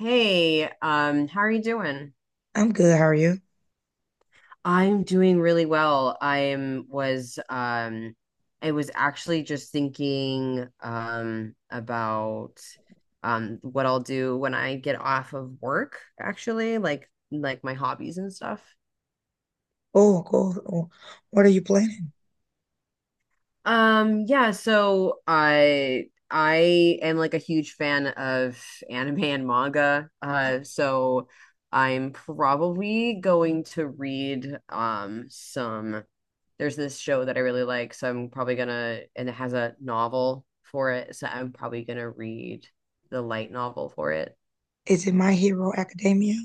Hey, how are you doing? I'm good. How are you? I'm doing really well. I was actually just thinking about what I'll do when I get off of work, actually, like my hobbies and stuff. Oh, cool. Oh, what are you planning? Yeah, so I am like a huge fan of anime and manga. So I'm probably going to read some there's this show that I really like, so I'm probably gonna and it has a novel for it, so I'm probably gonna read the light novel for it. Is it My Hero Academia?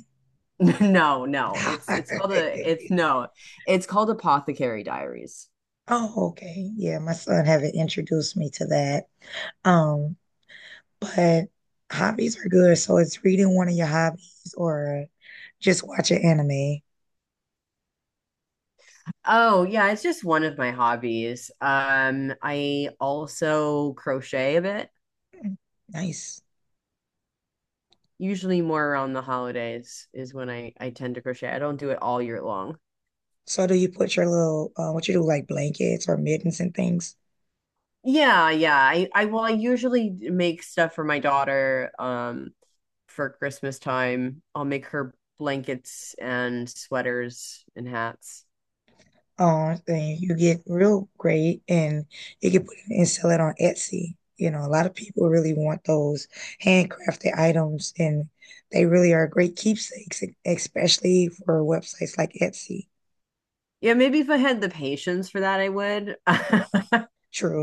No, no, it's called a it's no, it's called Apothecary Diaries. Oh, okay. Yeah, my son haven't introduced me to that. Um, but hobbies are good. So it's reading one of your hobbies or just watching anime. Oh, yeah, it's just one of my hobbies. I also crochet a bit. Mm. Nice. Usually more around the holidays is when I tend to crochet. I don't do it all year long. So do you put your little what you do like blankets or mittens and things? Yeah, yeah. I well, I usually make stuff for my daughter for Christmas time. I'll make her blankets and sweaters and hats. Um, thing. You get real great and you can put it and sell it on Etsy. A lot of people really want those handcrafted items and they really are great keepsakes, especially for websites like Etsy. Yeah, maybe if I had the patience for that, I would.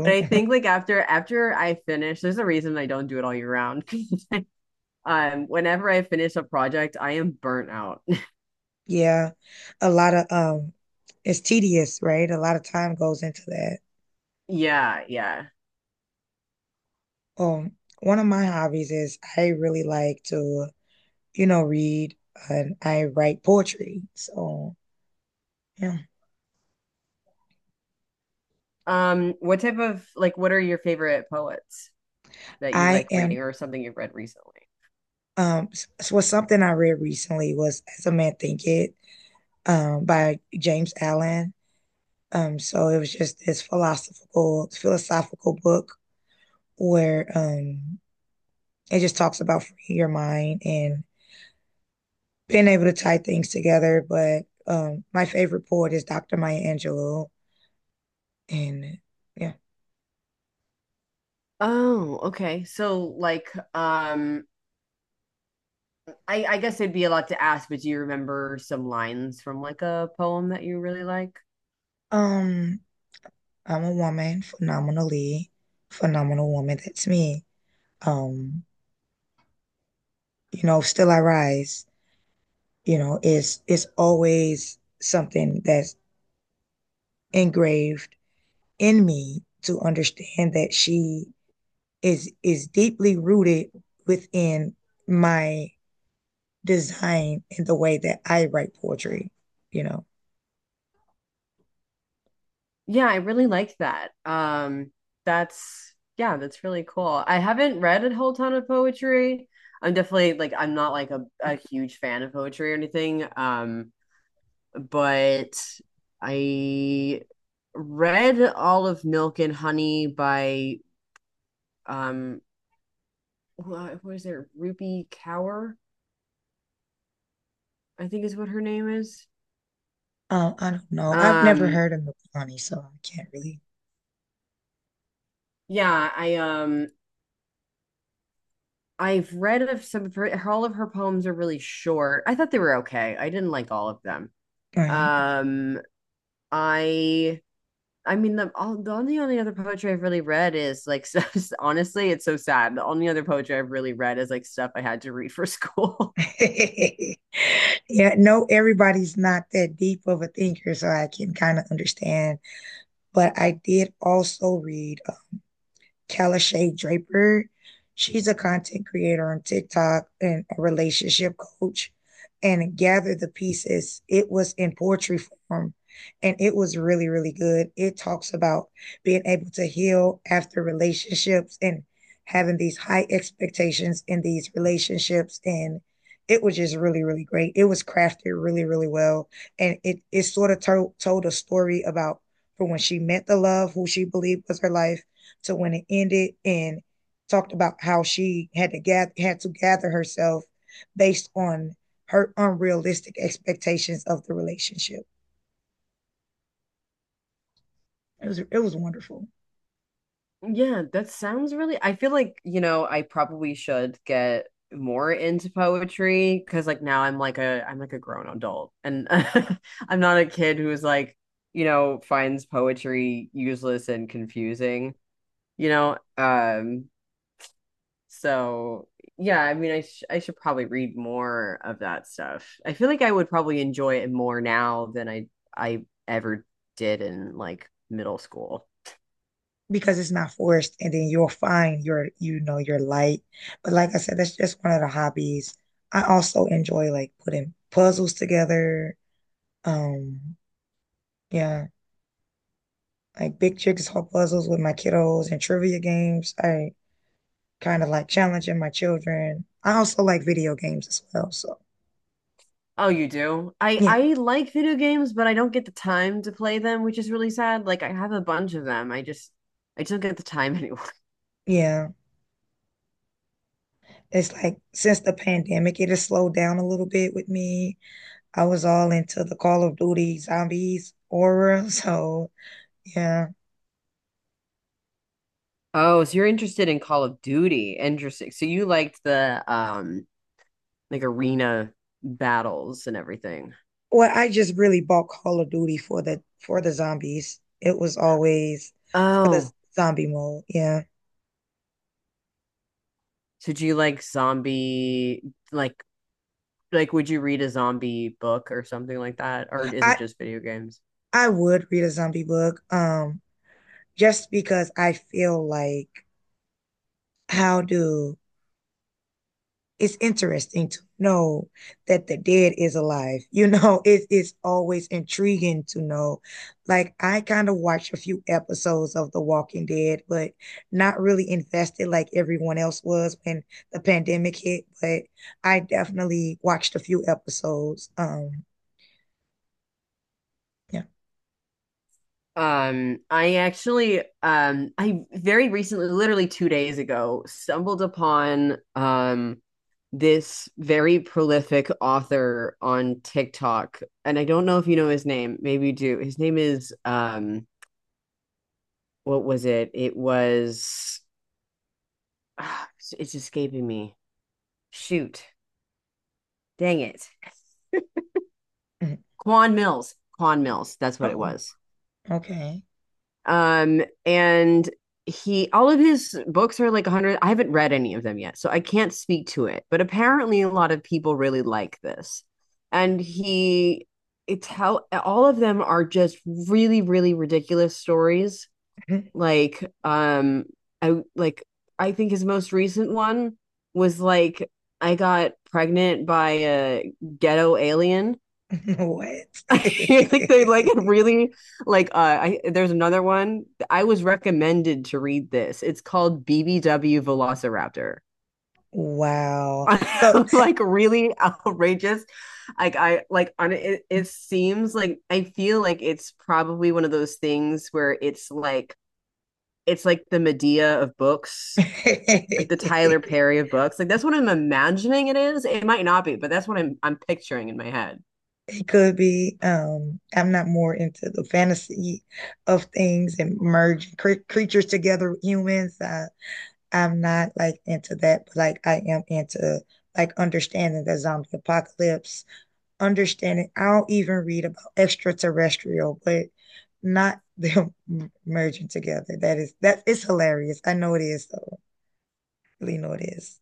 But I think like after I finish, there's a reason I don't do it all year round. Whenever I finish a project, I am burnt out. Yeah. A lot of it's tedious, right? A lot of time goes into that. Yeah, yeah. One of my hobbies is I really like to, read and I write poetry. So, yeah. What type of what are your favorite poets that you I like am reading or something you've read recently? Um, was something I read recently was "As a Man Thinketh" by James Allen. So it was just this philosophical book where it just talks about freeing your mind and being able to tie things together. But my favorite poet is Dr. Maya Angelou, and yeah. Oh, okay. So I guess it'd be a lot to ask, but do you remember some lines from like a poem that you really like? um, I'm a woman, phenomenal woman. That's me. Um, you know, still I rise. You know, is always something that's engraved in me to understand that she is deeply rooted within my design in the way that I write poetry, you know. Yeah, I really like that. That's yeah, that's really cool. I haven't read a whole ton of poetry. I'm definitely like I'm not like a huge fan of poetry or anything. But I read all of Milk and Honey by um what is it, Ruby Kaur I think is what her name is. I don't know. I've never um heard of Mapani, so I can't really. yeah, I I've read of some of her, all of her poems are really short. I thought they were okay, I didn't like all of them. Right. um I I mean the all the only other poetry I've really read is like stuff, honestly it's so sad, the only other poetry I've really read is like stuff I had to read for school. Yeah, no, everybody's not that deep of a thinker, so I can kind of understand. But I did also read Kalashay Draper. She's a content creator on TikTok and a relationship coach. And Gather the Pieces, it was in poetry form and it was really, really good. It talks about being able to heal after relationships and having these high expectations in these relationships. And it was just really, really great. It was crafted really, really well. And it sort of told a story about from when she met the love, who she believed was her life, to when it ended and talked about how she had to gather herself based on her unrealistic expectations of the relationship. It was wonderful Yeah, that sounds really. I feel like, you know, I probably should get more into poetry because like now I'm like a grown adult and, I'm not a kid who's like, you know, finds poetry useless and confusing, you know. So yeah, I mean, I should probably read more of that stuff. I feel like I would probably enjoy it more now than I ever did in like middle school. because it's not forced and then you'll find your, you know, your light. But like I said, that's just one of the hobbies. I also enjoy like putting puzzles together. Um yeah, like big jigsaw puzzles with my kiddos and trivia games. I kind of like challenging my children. I also like video games as well. So, Oh, you do? I yeah, I like video games, but I don't get the time to play them, which is really sad. Like I have a bunch of them. I just don't get the time anymore. yeah. It's like since the pandemic, it has slowed down a little bit with me. I was all into the Call of Duty zombies aura. So, yeah. Oh, so you're interested in Call of Duty. Interesting. So you liked the like arena battles and everything. Well, I just really bought Call of Duty for the zombies. It was always for the Oh, zombie mode. Yeah. so do you like zombie, like like would you read a zombie book or something like that? Or is it I just video games? I would read a zombie book just because I feel like how do it's interesting to know that the dead is alive. You know, it is always intriguing to know. Like I kind of watched a few episodes of The Walking Dead, but not really invested like everyone else was when the pandemic hit. But I definitely watched a few episodes. Yeah. I actually, I very recently, literally 2 days ago, stumbled upon this very prolific author on TikTok, and I don't know if you know his name. Maybe you do. His name is what was it? It was, ah, it's escaping me. Shoot, dang it, Mhm. Quan Mills. Quan Mills. That's what it Oh, was. okay. And he all of his books are like 100. I haven't read any of them yet, so I can't speak to it, but apparently a lot of people really like this, and he it's how all of them are just really, really ridiculous stories. Like i like I think his most recent one was like I Got Pregnant by a Ghetto Alien. What? Like they like, it really like, I, there's another one I was recommended to read, this, it's called BBW Velociraptor. Wow. So Like really outrageous. Like I like on it, it seems like, I feel like it's probably one of those things where it's like the Medea of books, like the Tyler Perry of books. Like that's what I'm imagining it is. It might not be, but that's what I'm picturing in my head. it could be. I'm not more into the fantasy of things and merging creatures together with humans. I, I'm not like into that, but like I am into like understanding the zombie apocalypse, understanding. I'll even read about extraterrestrial, but not them merging together. That is that it's hilarious. I know it is though. I really know it is.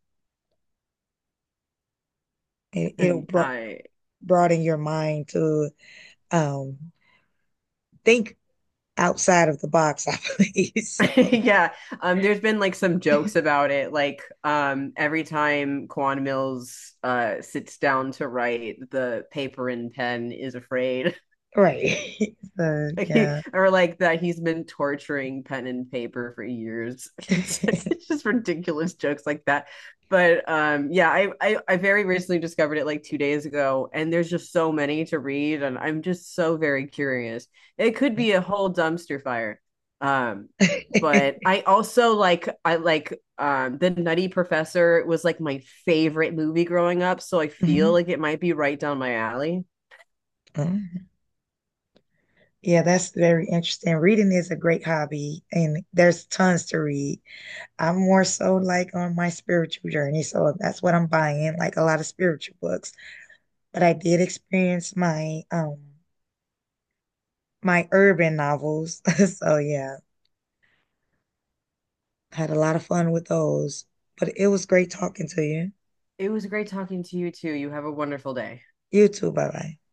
It, it'll bro I broaden your mind to um think outside of the box, I believe. So, yeah, there's been like some jokes about it. Like every time Quan Mills sits down to write, the paper and pen is afraid. right. So, Like he, yeah. or like that he's been torturing pen and paper for years. It's just ridiculous jokes like that. But yeah, I, I very recently discovered it like 2 days ago, and there's just so many to read, and I'm just so very curious. It could Yeah. be a whole dumpster fire. Um, but I also like, I like the Nutty Professor was like my favorite movie growing up, so I feel Mhm. like it might be right down my alley. Mhm. Yeah, that's very interesting. Reading is a great hobby, and there's tons to read. I'm more so like on my spiritual journey, so that's what I'm buying, like a lot of spiritual books. But I did experience my my urban novels. So yeah, had a lot of fun with those. But it was great talking to you. It was great talking to you too. You have a wonderful day. You too. Bye bye.